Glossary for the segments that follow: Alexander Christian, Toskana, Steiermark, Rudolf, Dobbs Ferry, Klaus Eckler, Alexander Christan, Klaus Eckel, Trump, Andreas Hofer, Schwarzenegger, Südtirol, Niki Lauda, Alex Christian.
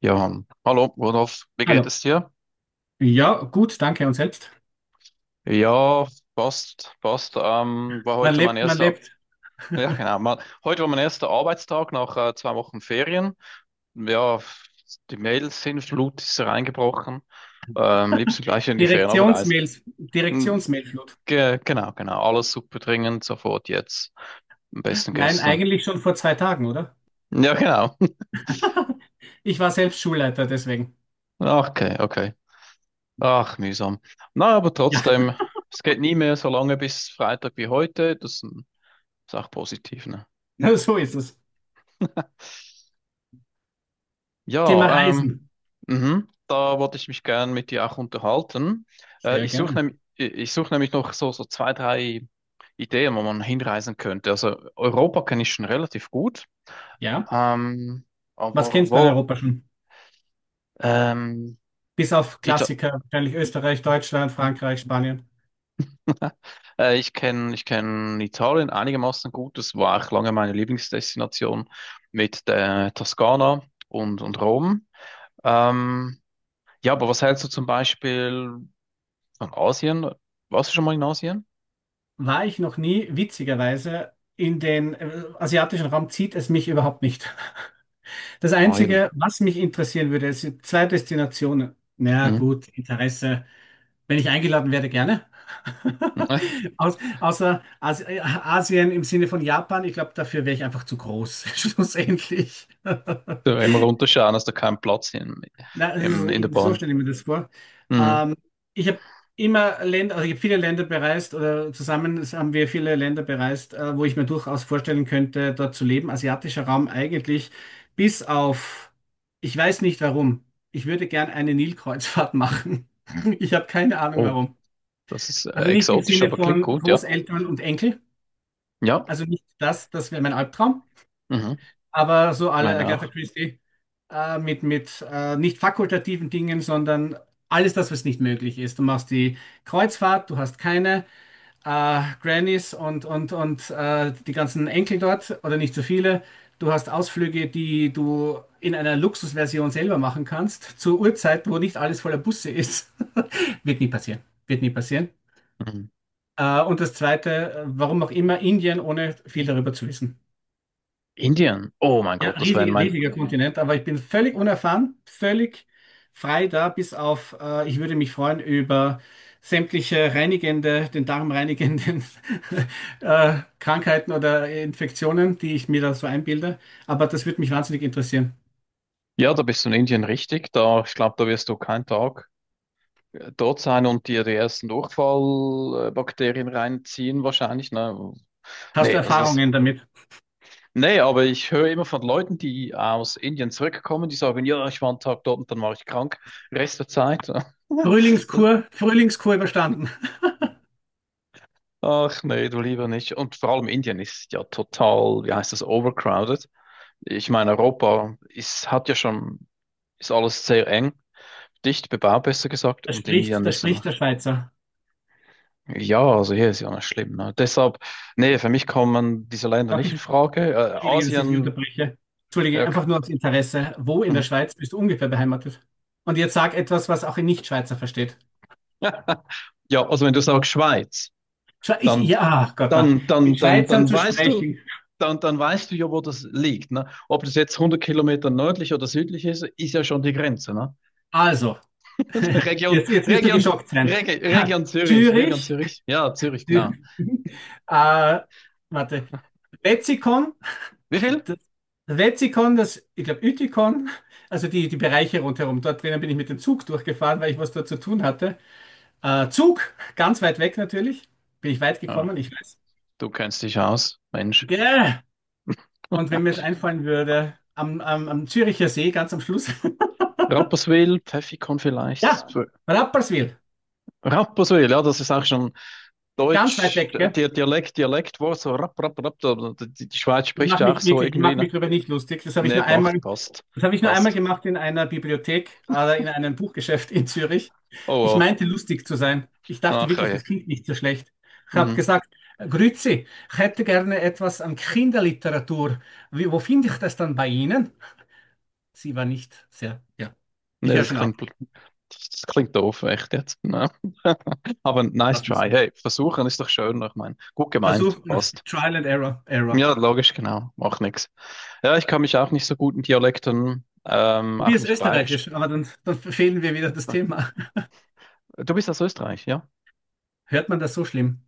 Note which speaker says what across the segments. Speaker 1: Ja, hallo, Rudolf, wie geht
Speaker 2: Hallo.
Speaker 1: es dir?
Speaker 2: Ja, gut, danke. Und selbst?
Speaker 1: Ja, passt, passt. War
Speaker 2: Man
Speaker 1: heute mein
Speaker 2: lebt, man
Speaker 1: erster,
Speaker 2: lebt.
Speaker 1: ja genau, mal, heute war mein erster Arbeitstag nach 2 Wochen Ferien. Ja, die Mails sind Flut, ist reingebrochen. Liebsten gleich in die Ferien abreisen.
Speaker 2: Direktionsmails,
Speaker 1: Hm,
Speaker 2: Direktionsmailflut.
Speaker 1: Ge Genau, genau, alles super dringend, sofort jetzt. Am besten
Speaker 2: Nein,
Speaker 1: gestern.
Speaker 2: eigentlich schon vor zwei Tagen, oder?
Speaker 1: Ja, genau.
Speaker 2: Ich war selbst Schulleiter, deswegen.
Speaker 1: Okay, okay. Ach, mühsam. Na, aber
Speaker 2: Ja,
Speaker 1: trotzdem, es geht nie mehr so lange bis Freitag wie heute. Das ist ein- ist auch positiv, ne?
Speaker 2: so ist es. Thema
Speaker 1: Ja,
Speaker 2: Reisen.
Speaker 1: mhm, da wollte ich mich gern mit dir auch unterhalten.
Speaker 2: Sehr
Speaker 1: Ich suche
Speaker 2: gerne.
Speaker 1: nämlich, ich suche nämlich noch so, so 2, 3 Ideen, wo man hinreisen könnte. Also Europa kenne ich schon relativ gut,
Speaker 2: Ja,
Speaker 1: ähm,
Speaker 2: was
Speaker 1: aber
Speaker 2: kennst du in
Speaker 1: wo?
Speaker 2: Europa schon?
Speaker 1: Ähm,
Speaker 2: Bis auf
Speaker 1: Ita
Speaker 2: Klassiker, wahrscheinlich Österreich, Deutschland, Frankreich, Spanien.
Speaker 1: Ich kenne Italien einigermaßen gut. Das war auch lange meine Lieblingsdestination mit der Toskana und Rom. Ähm, ja, aber was hältst du zum Beispiel? Und Asien, warst du schon mal in Asien?
Speaker 2: War ich noch nie, witzigerweise, in den asiatischen Raum zieht es mich überhaupt nicht. Das
Speaker 1: Ah, eben.
Speaker 2: Einzige, was mich interessieren würde, sind zwei Destinationen. Na
Speaker 1: Mhm.
Speaker 2: gut, Interesse. Wenn ich eingeladen werde, gerne. Außer Asien im Sinne von Japan, ich glaube, dafür wäre ich einfach zu groß, schlussendlich.
Speaker 1: Da immer runterschauen, hast du keinen Platz
Speaker 2: Na, das ist,
Speaker 1: in der
Speaker 2: so
Speaker 1: Bahn.
Speaker 2: stelle ich mir das vor.
Speaker 1: Mhm.
Speaker 2: Ähm, Ich habe immer Länder, also ich habe viele Länder bereist oder zusammen haben wir viele Länder bereist, wo ich mir durchaus vorstellen könnte, dort zu leben. Asiatischer Raum eigentlich, bis auf, ich weiß nicht warum. Ich würde gern eine Nilkreuzfahrt machen. Ich habe keine Ahnung
Speaker 1: Oh,
Speaker 2: warum.
Speaker 1: das ist
Speaker 2: Also nicht im
Speaker 1: exotisch,
Speaker 2: Sinne
Speaker 1: aber klingt
Speaker 2: von
Speaker 1: gut, ja.
Speaker 2: Großeltern und Enkel.
Speaker 1: Ja,
Speaker 2: Also nicht das, das wäre mein Albtraum.
Speaker 1: mhm.
Speaker 2: Aber so alle
Speaker 1: Meine
Speaker 2: Agatha
Speaker 1: auch.
Speaker 2: Christie mit, mit nicht fakultativen Dingen, sondern alles das, was nicht möglich ist. Du machst die Kreuzfahrt, du hast keine Grannies und, und die ganzen Enkel dort oder nicht so viele. Du hast Ausflüge, die du in einer Luxusversion selber machen kannst, zur Uhrzeit, wo nicht alles voller Busse ist. Wird nie passieren. Wird nie passieren.
Speaker 1: Mhm.
Speaker 2: Und das Zweite, warum auch immer Indien, ohne viel darüber zu wissen.
Speaker 1: Indien. Oh mein
Speaker 2: Ja,
Speaker 1: Gott, das war in
Speaker 2: riesig,
Speaker 1: mein.
Speaker 2: riesiger Kontinent, aber ich bin völlig unerfahren, völlig frei da, bis auf, ich würde mich freuen über sämtliche reinigende, den Darm reinigenden Krankheiten oder Infektionen, die ich mir da so einbilde. Aber das würde mich wahnsinnig interessieren.
Speaker 1: Ja, da bist du in Indien richtig. Da, ich glaube, da wirst du keinen Tag dort sein und dir die ersten Durchfallbakterien reinziehen, wahrscheinlich. Ne?
Speaker 2: Hast du
Speaker 1: Nee, also das.
Speaker 2: Erfahrungen damit?
Speaker 1: Nee, aber ich höre immer von Leuten, die aus Indien zurückkommen, die sagen, ja, ich war einen Tag dort und dann war ich krank, Rest der Zeit.
Speaker 2: Frühlingskur, Frühlingskur überstanden.
Speaker 1: Ach nee, du lieber nicht. Und vor allem Indien ist ja total, wie heißt das, overcrowded. Ich meine, Europa ist, hat ja schon, ist alles sehr eng, dicht bebaut, besser gesagt, und Indien
Speaker 2: Da
Speaker 1: ist ein,
Speaker 2: spricht der Schweizer.
Speaker 1: ja, also hier ist ja nicht schlimm. Ne? Deshalb, nee, für mich kommen diese Länder
Speaker 2: Darf
Speaker 1: nicht
Speaker 2: ich
Speaker 1: in Frage.
Speaker 2: Entschuldige, dass ich dich
Speaker 1: Asien,
Speaker 2: unterbreche. Entschuldige,
Speaker 1: ja, k-,
Speaker 2: einfach nur aus Interesse. Wo in der
Speaker 1: mhm.
Speaker 2: Schweiz bist du ungefähr beheimatet? Und jetzt sag etwas, was auch ein Nichtschweizer versteht.
Speaker 1: Ja, also wenn du sagst Schweiz,
Speaker 2: Schwe- Ich,
Speaker 1: dann
Speaker 2: ja, ach Gott, na.
Speaker 1: dann, dann,
Speaker 2: Mit
Speaker 1: dann,
Speaker 2: Schweizern
Speaker 1: dann
Speaker 2: zu
Speaker 1: weißt du,
Speaker 2: sprechen.
Speaker 1: dann weißt du ja, wo das liegt. Ne? Ob das jetzt 100 Kilometer nördlich oder südlich ist, ist ja schon die Grenze. Ne?
Speaker 2: Also,
Speaker 1: Region,
Speaker 2: jetzt, jetzt wirst du
Speaker 1: Region,
Speaker 2: geschockt sein.
Speaker 1: Reg- Region Zürich, Region
Speaker 2: Zürich,
Speaker 1: Zürich. Ja, Zürich, genau.
Speaker 2: Zü- äh, warte, Wetzikon,
Speaker 1: Wie viel?
Speaker 2: das Wetzikon, das, ich glaube, Ütikon, also die, die Bereiche rundherum. Dort drinnen bin ich mit dem Zug durchgefahren, weil ich was dort zu tun hatte. Zug, ganz weit weg natürlich. Bin ich weit
Speaker 1: Ja,
Speaker 2: gekommen, ich weiß.
Speaker 1: du kennst dich aus, Mensch.
Speaker 2: Gäh. Und wenn mir jetzt einfallen würde, am, am, am Züricher See, ganz am Schluss.
Speaker 1: Rapperswil, Pfäffikon vielleicht.
Speaker 2: Ja,
Speaker 1: So,
Speaker 2: Rapperswil,
Speaker 1: Rapperswil, ja, das ist auch schon
Speaker 2: ganz weit
Speaker 1: Deutsch,
Speaker 2: weg, gell?
Speaker 1: Di- Dialekt, Dialektwort, so rapp, rapp, rapp. Da- da- Die, die Schweiz
Speaker 2: Ich
Speaker 1: spricht
Speaker 2: mache
Speaker 1: ja auch
Speaker 2: mich
Speaker 1: so
Speaker 2: wirklich, ich
Speaker 1: irgendwie,
Speaker 2: mache mich
Speaker 1: ne?
Speaker 2: darüber nicht lustig. Das habe ich
Speaker 1: Ne,
Speaker 2: nur
Speaker 1: macht,
Speaker 2: einmal,
Speaker 1: passt,
Speaker 2: das habe ich nur einmal
Speaker 1: passt.
Speaker 2: gemacht in einer Bibliothek oder in einem Buchgeschäft in Zürich.
Speaker 1: Oh,
Speaker 2: Ich
Speaker 1: wow.
Speaker 2: meinte lustig zu sein. Ich dachte
Speaker 1: Ach,
Speaker 2: wirklich,
Speaker 1: ja.
Speaker 2: das klingt nicht so schlecht. Ich habe
Speaker 1: Mhm.
Speaker 2: gesagt, Grüezi, ich hätte gerne etwas an Kinderliteratur. Wie, wo finde ich das dann bei Ihnen? Sie war nicht sehr, ja.
Speaker 1: Nee,
Speaker 2: Ich höre
Speaker 1: das
Speaker 2: schon auf.
Speaker 1: klingt, bl-, das klingt doof, echt jetzt, ne. Aber nice
Speaker 2: Lass mir's.
Speaker 1: try. Hey, versuchen ist doch schön, ich meine. Gut gemeint,
Speaker 2: Versuch,
Speaker 1: passt.
Speaker 2: Trial and Error, Error.
Speaker 1: Ja, logisch, genau. Macht nichts. Ja, ich kann mich auch nicht so gut in Dialekten, auch
Speaker 2: Probier's
Speaker 1: nicht bayerisch.
Speaker 2: Österreichisch, aber dann, dann verfehlen wir wieder das Thema.
Speaker 1: Du bist aus Österreich, ja?
Speaker 2: Hört man das so schlimm?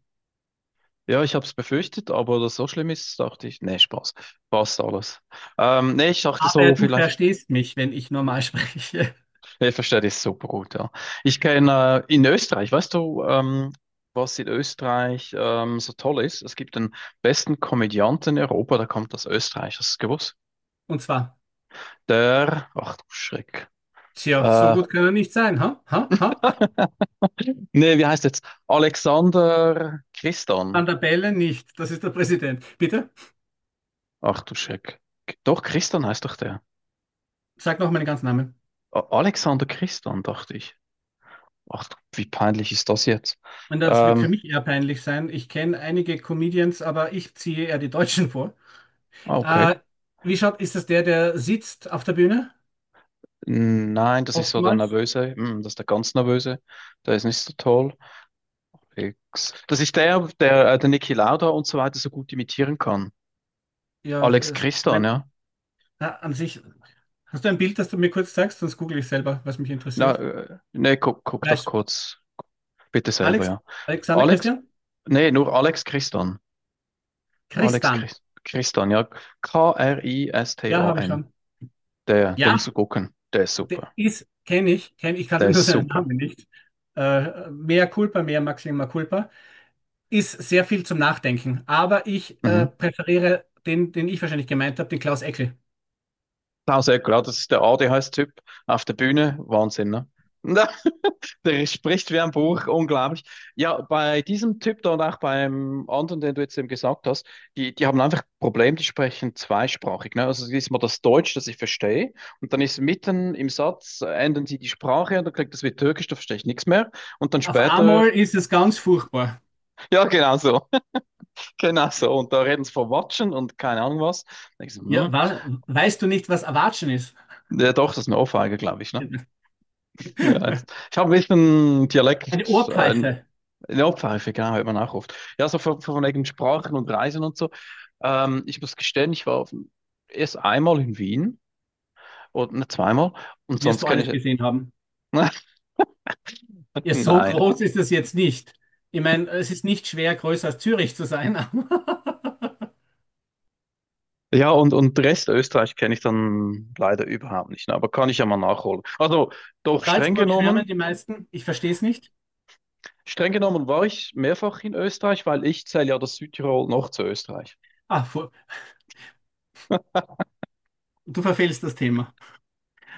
Speaker 1: Ja, ich habe es befürchtet, aber dass so schlimm ist, dachte ich, nee, Spaß. Passt alles. Nee, ich dachte
Speaker 2: Aber
Speaker 1: so,
Speaker 2: du
Speaker 1: vielleicht.
Speaker 2: verstehst mich, wenn ich normal spreche.
Speaker 1: Ich verstehe das super gut, ja. Ich kenne in Österreich, weißt du, was in Österreich so toll ist? Es gibt den besten Komödianten in Europa, der kommt aus Österreich, hast du es gewusst?
Speaker 2: Und zwar,
Speaker 1: Der, ach du Schreck.
Speaker 2: tja, so
Speaker 1: Äh,
Speaker 2: gut kann er nicht sein, ha? Ha? Ha?
Speaker 1: nee, wie heißt jetzt? Alexander Christan.
Speaker 2: An der Bälle nicht. Das ist der Präsident. Bitte?
Speaker 1: Ach du Schreck. Doch, Christan heißt doch der.
Speaker 2: Sag noch meinen ganzen Namen.
Speaker 1: A- Alexander Christan, dachte ich. Ach, du, wie peinlich ist das jetzt?
Speaker 2: Und das wird für
Speaker 1: Ähm,
Speaker 2: mich eher peinlich sein. Ich kenne einige Comedians, aber ich ziehe eher die Deutschen vor.
Speaker 1: ah, okay.
Speaker 2: Äh, Wie schaut, ist das der, der sitzt auf der Bühne?
Speaker 1: Nein, das ist so der
Speaker 2: Oftmals.
Speaker 1: Nervöse. Hm, das ist der ganz Nervöse. Der ist nicht so toll. X. Das ist der, der, der Niki Lauda und so weiter so gut imitieren kann.
Speaker 2: Ja,
Speaker 1: Alex
Speaker 2: es
Speaker 1: Christian,
Speaker 2: bleibt
Speaker 1: ja.
Speaker 2: na, an sich. Hast du ein Bild, das du mir kurz zeigst? Sonst google ich selber, was mich
Speaker 1: Na,
Speaker 2: interessiert.
Speaker 1: nee, guck, guck doch
Speaker 2: Gleich.
Speaker 1: kurz, bitte selber,
Speaker 2: Alex,
Speaker 1: ja.
Speaker 2: Alexander
Speaker 1: Alex,
Speaker 2: Christian?
Speaker 1: nee, nur Alex Christian. Alex
Speaker 2: Christian.
Speaker 1: Christ Christian, ja.
Speaker 2: Ja, habe ich
Speaker 1: K-R-I-S-T-A-N.
Speaker 2: schon.
Speaker 1: Der, der
Speaker 2: Ja,
Speaker 1: musst du gucken. Der ist
Speaker 2: der
Speaker 1: super.
Speaker 2: ist, kenne ich,
Speaker 1: Der
Speaker 2: kannte nur
Speaker 1: ist
Speaker 2: seinen
Speaker 1: super.
Speaker 2: Namen nicht. Mea culpa, mea maxima culpa. Ist sehr viel zum Nachdenken. Aber ich
Speaker 1: Mhm.
Speaker 2: präferiere den, den ich wahrscheinlich gemeint habe, den Klaus Eckel.
Speaker 1: Klaus Eckler, das ist der ADHS-Typ auf der Bühne. Wahnsinn, ne? Der spricht wie ein Buch, unglaublich. Ja, bei diesem Typ da und auch beim anderen, den du jetzt eben gesagt hast, die, die haben einfach ein Problem, die sprechen zweisprachig. Ne? Also es ist mal das Deutsch, das ich verstehe, und dann ist mitten im Satz, ändern sie die Sprache und dann klingt das wie Türkisch, da verstehe ich nichts mehr. Und dann
Speaker 2: Auf
Speaker 1: später,
Speaker 2: einmal ist es ganz furchtbar.
Speaker 1: ja, genau so, genau so. Und da reden sie von Watschen und keine Ahnung was. Da denk ich so,
Speaker 2: Ja,
Speaker 1: hm.
Speaker 2: wa weißt du nicht, was Erwatschen ist?
Speaker 1: Ja, doch, das ist eine Ohrfeige, glaube ich. Ne? Ja, jetzt. Ich habe ein bisschen
Speaker 2: Eine
Speaker 1: Dialekt, äh.
Speaker 2: Ohrpfeife.
Speaker 1: Ja, Pfeife, genau, hört man auch oft. Ja, so von wegen Sprachen und Reisen und so. Ich muss gestehen, ich war auf, erst einmal in Wien und ne, zweimal und
Speaker 2: Wirst
Speaker 1: sonst
Speaker 2: du alles
Speaker 1: kenne
Speaker 2: gesehen haben.
Speaker 1: ich.
Speaker 2: Ja, so
Speaker 1: Nein.
Speaker 2: groß ist es jetzt nicht. Ich meine, es ist nicht schwer, größer als Zürich zu sein.
Speaker 1: Ja, und Rest Österreich kenne ich dann leider überhaupt nicht, ne, aber kann ich ja mal nachholen. Also, doch
Speaker 2: Salzburg schwärmen die meisten. Ich verstehe es nicht.
Speaker 1: streng genommen war ich mehrfach in Österreich, weil ich zähle ja das Südtirol noch zu Österreich.
Speaker 2: Ah, fu- du verfehlst das Thema.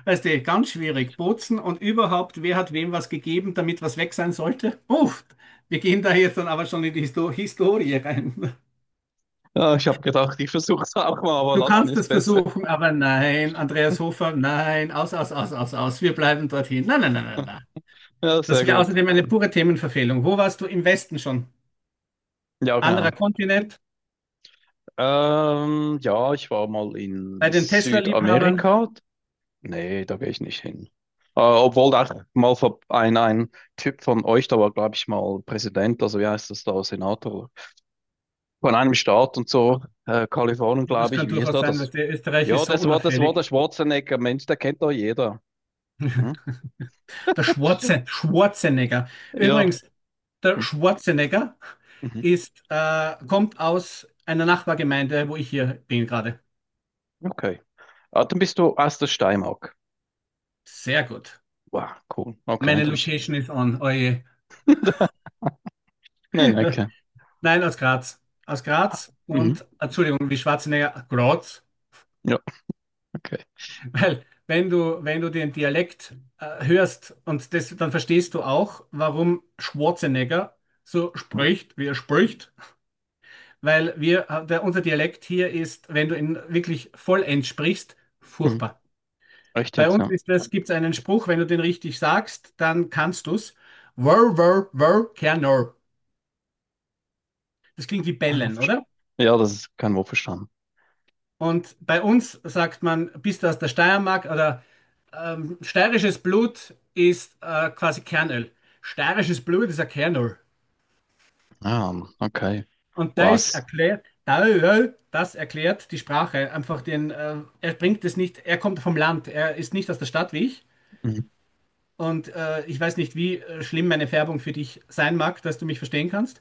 Speaker 2: Weißt du, ganz schwierig. Bozen und überhaupt, wer hat wem was gegeben, damit was weg sein sollte? Uff, wir gehen da jetzt dann aber schon in die Historie rein.
Speaker 1: Ja, ich habe gedacht, ich versuche es auch mal, aber
Speaker 2: Du
Speaker 1: lassen
Speaker 2: kannst
Speaker 1: ist
Speaker 2: es
Speaker 1: besser.
Speaker 2: versuchen, aber nein, Andreas Hofer, nein, aus, aus, aus, aus, aus. Wir bleiben dorthin. Nein, nein, nein, nein, nein.
Speaker 1: Ja, sehr
Speaker 2: Das wäre
Speaker 1: gut.
Speaker 2: außerdem eine pure Themenverfehlung. Wo warst du im Westen schon?
Speaker 1: Ja, genau.
Speaker 2: Anderer Kontinent,
Speaker 1: Ja, ich war mal in
Speaker 2: bei den Tesla-Liebhabern.
Speaker 1: Südamerika. Nee, da gehe ich nicht hin. Obwohl da mal vor- ein Typ von euch, da war, glaube ich, mal Präsident, also wie heißt das da, Senator von einem Staat und so, Kalifornien,
Speaker 2: Das
Speaker 1: glaube ich,
Speaker 2: kann
Speaker 1: wie ist
Speaker 2: durchaus
Speaker 1: da
Speaker 2: sein, weil
Speaker 1: das?
Speaker 2: der Österreich
Speaker 1: Ja,
Speaker 2: ist so
Speaker 1: das war
Speaker 2: unauffällig.
Speaker 1: der Schwarzenegger, Mensch, der kennt doch jeder. Hm?
Speaker 2: Der Schwarze, Schwarzenegger.
Speaker 1: Ja.
Speaker 2: Übrigens, der
Speaker 1: Hm.
Speaker 2: Schwarzenegger
Speaker 1: Mhm.
Speaker 2: ist, kommt aus einer Nachbargemeinde, wo ich hier bin gerade.
Speaker 1: Okay. Ah, dann bist du aus der Steiermark.
Speaker 2: Sehr gut.
Speaker 1: Wow, cool. Okay,
Speaker 2: Meine
Speaker 1: da hab ich.
Speaker 2: Location ist on. Oje.
Speaker 1: Nein, okay.
Speaker 2: Nein, aus Graz. Aus Graz
Speaker 1: Mhm.
Speaker 2: und, Entschuldigung, wie Schwarzenegger, Graz.
Speaker 1: Ja, okay.
Speaker 2: Weil wenn du, wenn du den Dialekt hörst und das, dann verstehst du auch, warum Schwarzenegger so spricht, wie er spricht. Weil wir, der, unser Dialekt hier ist, wenn du ihn wirklich vollends sprichst,
Speaker 1: Mhm.
Speaker 2: furchtbar.
Speaker 1: Echt
Speaker 2: Bei
Speaker 1: jetzt,
Speaker 2: uns
Speaker 1: ja.
Speaker 2: ist das, gibt es einen Spruch, wenn du den richtig sagst, dann kannst du's. Wör, wör, wör, Kernor. Das klingt wie
Speaker 1: Kein
Speaker 2: bellen,
Speaker 1: Wurfverstand.
Speaker 2: oder?
Speaker 1: Ja, das ist kein Wurfverstand.
Speaker 2: Und bei uns sagt man, bist du aus der Steiermark oder steirisches Blut ist quasi Kernöl. Steirisches Blut ist ein Kernöl.
Speaker 1: Ah, okay.
Speaker 2: Und das
Speaker 1: Was?
Speaker 2: erklärt, da- ja, das erklärt die Sprache. Einfach den, er bringt es nicht, er kommt vom Land, er ist nicht aus der Stadt wie ich.
Speaker 1: Mhm.
Speaker 2: Und ich weiß nicht, wie schlimm meine Färbung für dich sein mag, dass du mich verstehen kannst.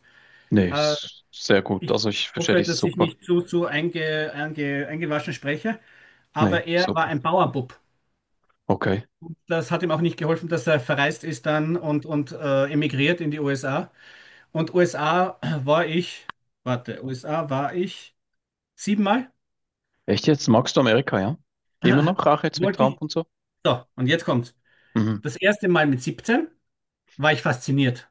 Speaker 1: Nee, ist sehr gut.
Speaker 2: Ich
Speaker 1: Also ich verstehe
Speaker 2: hoffe,
Speaker 1: dich
Speaker 2: dass ich
Speaker 1: super.
Speaker 2: nicht zu, zu eingewaschen spreche.
Speaker 1: Nee,
Speaker 2: Aber er war
Speaker 1: super.
Speaker 2: ein Bauernbub.
Speaker 1: Okay.
Speaker 2: Das hat ihm auch nicht geholfen, dass er verreist ist dann und, und emigriert in die USA. Und USA war ich, warte, USA war ich siebenmal.
Speaker 1: Echt jetzt? Magst du Amerika, ja? Immer noch, auch jetzt mit
Speaker 2: Wollte
Speaker 1: Trump
Speaker 2: ich.
Speaker 1: und so?
Speaker 2: So, und jetzt kommt's.
Speaker 1: Mhm.
Speaker 2: Das erste Mal mit 17 war ich fasziniert.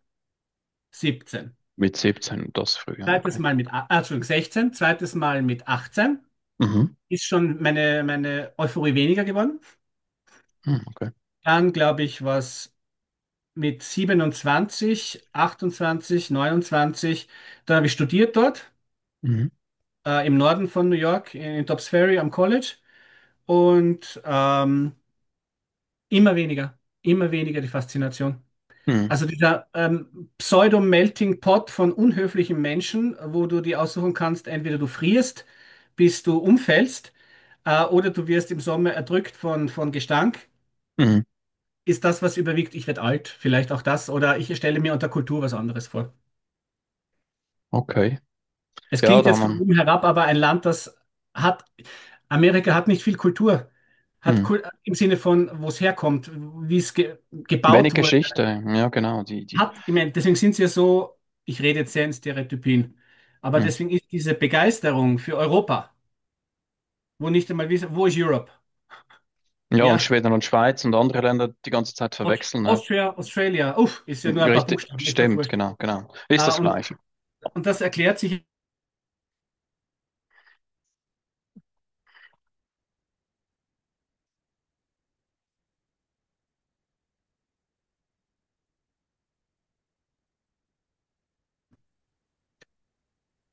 Speaker 2: 17.
Speaker 1: Mit 17, das früher,
Speaker 2: Zweites
Speaker 1: okay.
Speaker 2: Mal mit, Entschuldigung, 16. Zweites Mal mit 18.
Speaker 1: Mhm.
Speaker 2: Ist schon meine, meine Euphorie weniger geworden.
Speaker 1: Mhm, okay.
Speaker 2: Dann, glaube ich, was mit 27, 28, 29. Dann habe ich studiert dort.
Speaker 1: Mhm.
Speaker 2: Im Norden von New York, in Dobbs Ferry am College. Und immer weniger, immer weniger die Faszination.
Speaker 1: Mhm.
Speaker 2: Also dieser Pseudo-Melting Pot von unhöflichen Menschen, wo du dir aussuchen kannst, entweder du frierst, bis du umfällst, oder du wirst im Sommer erdrückt von Gestank.
Speaker 1: Mhm.
Speaker 2: Ist das, was überwiegt, ich werde alt, vielleicht auch das, oder ich stelle mir unter Kultur was anderes vor.
Speaker 1: Okay.
Speaker 2: Es
Speaker 1: Ja,
Speaker 2: klingt
Speaker 1: da
Speaker 2: jetzt von
Speaker 1: haben
Speaker 2: oben herab, aber ein Land, das hat, Amerika hat nicht viel Kultur,
Speaker 1: wir
Speaker 2: hat
Speaker 1: mhm.
Speaker 2: Kul im Sinne von, wo es herkommt, wie es ge
Speaker 1: Wenig
Speaker 2: gebaut wurde.
Speaker 1: Geschichte. Ja, genau. Die, die.
Speaker 2: Hat, ich meine, deswegen sind sie ja so, ich rede jetzt sehr in Stereotypien, aber
Speaker 1: Mhm.
Speaker 2: deswegen ist diese Begeisterung für Europa, wo nicht einmal wissen, wo ist Europe?
Speaker 1: Ja, und
Speaker 2: Ja,
Speaker 1: Schweden und Schweiz und andere Länder die ganze Zeit
Speaker 2: Aus-
Speaker 1: verwechseln. Ne?
Speaker 2: Austria, Australia, uff, ist ja nur ein paar
Speaker 1: Richtig,
Speaker 2: Buchstaben, ist doch
Speaker 1: stimmt,
Speaker 2: wurscht.
Speaker 1: genau, genau. Ist
Speaker 2: Ah,
Speaker 1: das gleich.
Speaker 2: und das erklärt sich,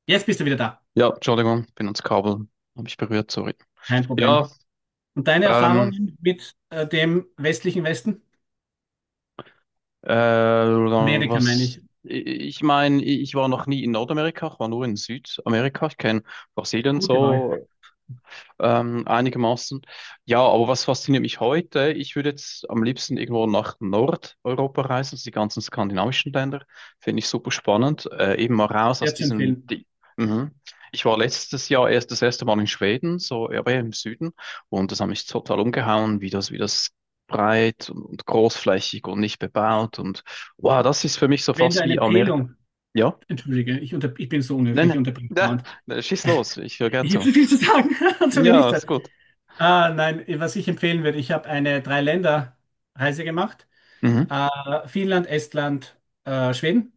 Speaker 2: jetzt bist du wieder da,
Speaker 1: Ja, Entschuldigung, bin ans Kabel, habe ich berührt, sorry.
Speaker 2: kein Problem.
Speaker 1: Ja,
Speaker 2: Und deine
Speaker 1: ähm,
Speaker 2: Erfahrungen mit dem westlichen Westen? Amerika meine
Speaker 1: was,
Speaker 2: ich.
Speaker 1: ich meine, ich war noch nie in Nordamerika, ich war nur in Südamerika. Ich kenne Brasilien
Speaker 2: Gute Wahl,
Speaker 1: so, einigermaßen. Ja, aber was fasziniert mich heute? Ich würde jetzt am liebsten irgendwo nach Nordeuropa reisen, also die ganzen skandinavischen Länder. Finde ich super spannend. Eben mal raus aus
Speaker 2: sehr zu
Speaker 1: diesem.
Speaker 2: empfehlen.
Speaker 1: Di mhm. Ich war letztes Jahr erst das erste Mal in Schweden, so ja, aber eher im Süden, und das hat mich total umgehauen, wie das breit und großflächig und nicht bebaut und wow, das ist für mich so
Speaker 2: Wenn du
Speaker 1: fast
Speaker 2: eine
Speaker 1: wie Amerika.
Speaker 2: Empfehlung,
Speaker 1: Ja,
Speaker 2: entschuldige, ich, unter, ich bin so
Speaker 1: nein,
Speaker 2: unhöflich, ich
Speaker 1: nein,
Speaker 2: unterbreche dauernd.
Speaker 1: ja, schieß los, ich höre gern
Speaker 2: Ich habe
Speaker 1: zu.
Speaker 2: zu viel zu sagen und zu wenig
Speaker 1: Ja, ist
Speaker 2: Zeit.
Speaker 1: gut.
Speaker 2: Ah, nein, was ich empfehlen würde, ich habe eine Drei-Länder-Reise gemacht.
Speaker 1: Mhm.
Speaker 2: Äh, Finnland, Estland, Schweden.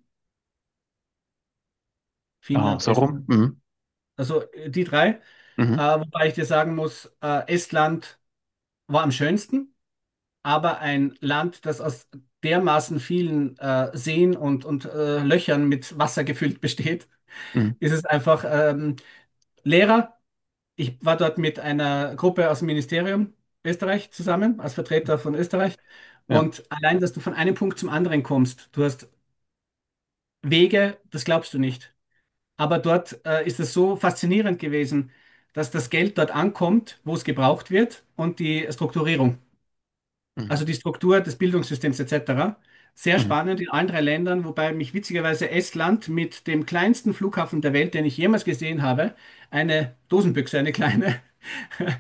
Speaker 1: Ah,
Speaker 2: Finnland,
Speaker 1: so rum.
Speaker 2: Estland.
Speaker 1: Mhm.
Speaker 2: Also die drei.
Speaker 1: Mhm.
Speaker 2: Wobei ich dir sagen muss, Estland war am schönsten, aber ein Land, das aus dermaßen vielen Seen und, und Löchern mit Wasser gefüllt besteht,
Speaker 1: Mhm.
Speaker 2: ist es einfach, Lehrer. Ich war dort mit einer Gruppe aus dem Ministerium Österreich zusammen, als Vertreter von Österreich.
Speaker 1: Ja.
Speaker 2: Und allein, dass du von einem Punkt zum anderen kommst, du hast Wege, das glaubst du nicht. Aber dort ist es so faszinierend gewesen, dass das Geld dort ankommt, wo es gebraucht wird und die Strukturierung
Speaker 1: Mhm.
Speaker 2: also die Struktur des Bildungssystems etc. Sehr
Speaker 1: Mhm.
Speaker 2: spannend in allen drei Ländern, wobei mich witzigerweise Estland mit dem kleinsten Flughafen der Welt, den ich jemals gesehen habe, eine Dosenbüchse, eine kleine, äh,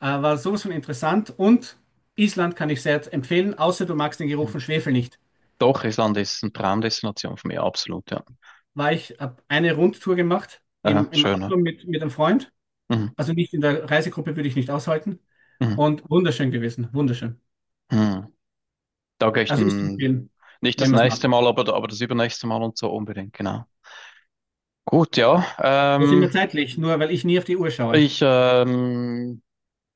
Speaker 2: war sowas von interessant. Und Island kann ich sehr empfehlen, außer du magst den Geruch
Speaker 1: Mhm.
Speaker 2: von Schwefel nicht.
Speaker 1: Doch, Island ist eine Traumdestination für mich, absolut, ja.
Speaker 2: War ich, habe eine Rundtour gemacht im, im
Speaker 1: Schöner.
Speaker 2: Auto mit einem Freund,
Speaker 1: Mhm.
Speaker 2: also nicht in der Reisegruppe würde ich nicht aushalten.
Speaker 1: Mhm.
Speaker 2: Und wunderschön gewesen, wunderschön.
Speaker 1: Mhm. Da gehe ich
Speaker 2: Also ist zu
Speaker 1: dann
Speaker 2: empfehlen,
Speaker 1: nicht
Speaker 2: wenn
Speaker 1: das
Speaker 2: man es
Speaker 1: nächste
Speaker 2: mag.
Speaker 1: Mal, aber das übernächste Mal und so unbedingt, genau. Gut, ja.
Speaker 2: Wo sind wir
Speaker 1: Ähm,
Speaker 2: zeitlich? Nur weil ich nie auf die Uhr schaue.
Speaker 1: ich ähm,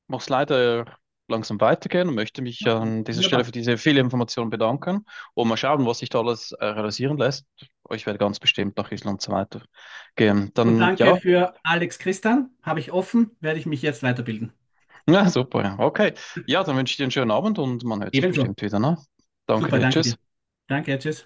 Speaker 1: muss leider langsam weitergehen und möchte mich
Speaker 2: Ja,
Speaker 1: an dieser Stelle für
Speaker 2: wunderbar.
Speaker 1: diese viele Informationen bedanken und mal schauen, was sich da alles realisieren lässt. Ich werde ganz bestimmt nach Island so weitergehen.
Speaker 2: Und
Speaker 1: Dann
Speaker 2: danke
Speaker 1: ja,
Speaker 2: für Alex Christian. Habe ich offen, werde ich mich jetzt weiterbilden.
Speaker 1: ja, super, ja. Okay. Ja, dann wünsche ich dir einen schönen Abend und man hört sich
Speaker 2: Ebenso.
Speaker 1: bestimmt wieder, ne? Danke
Speaker 2: Super,
Speaker 1: dir.
Speaker 2: danke
Speaker 1: Tschüss.
Speaker 2: dir. Danke, tschüss.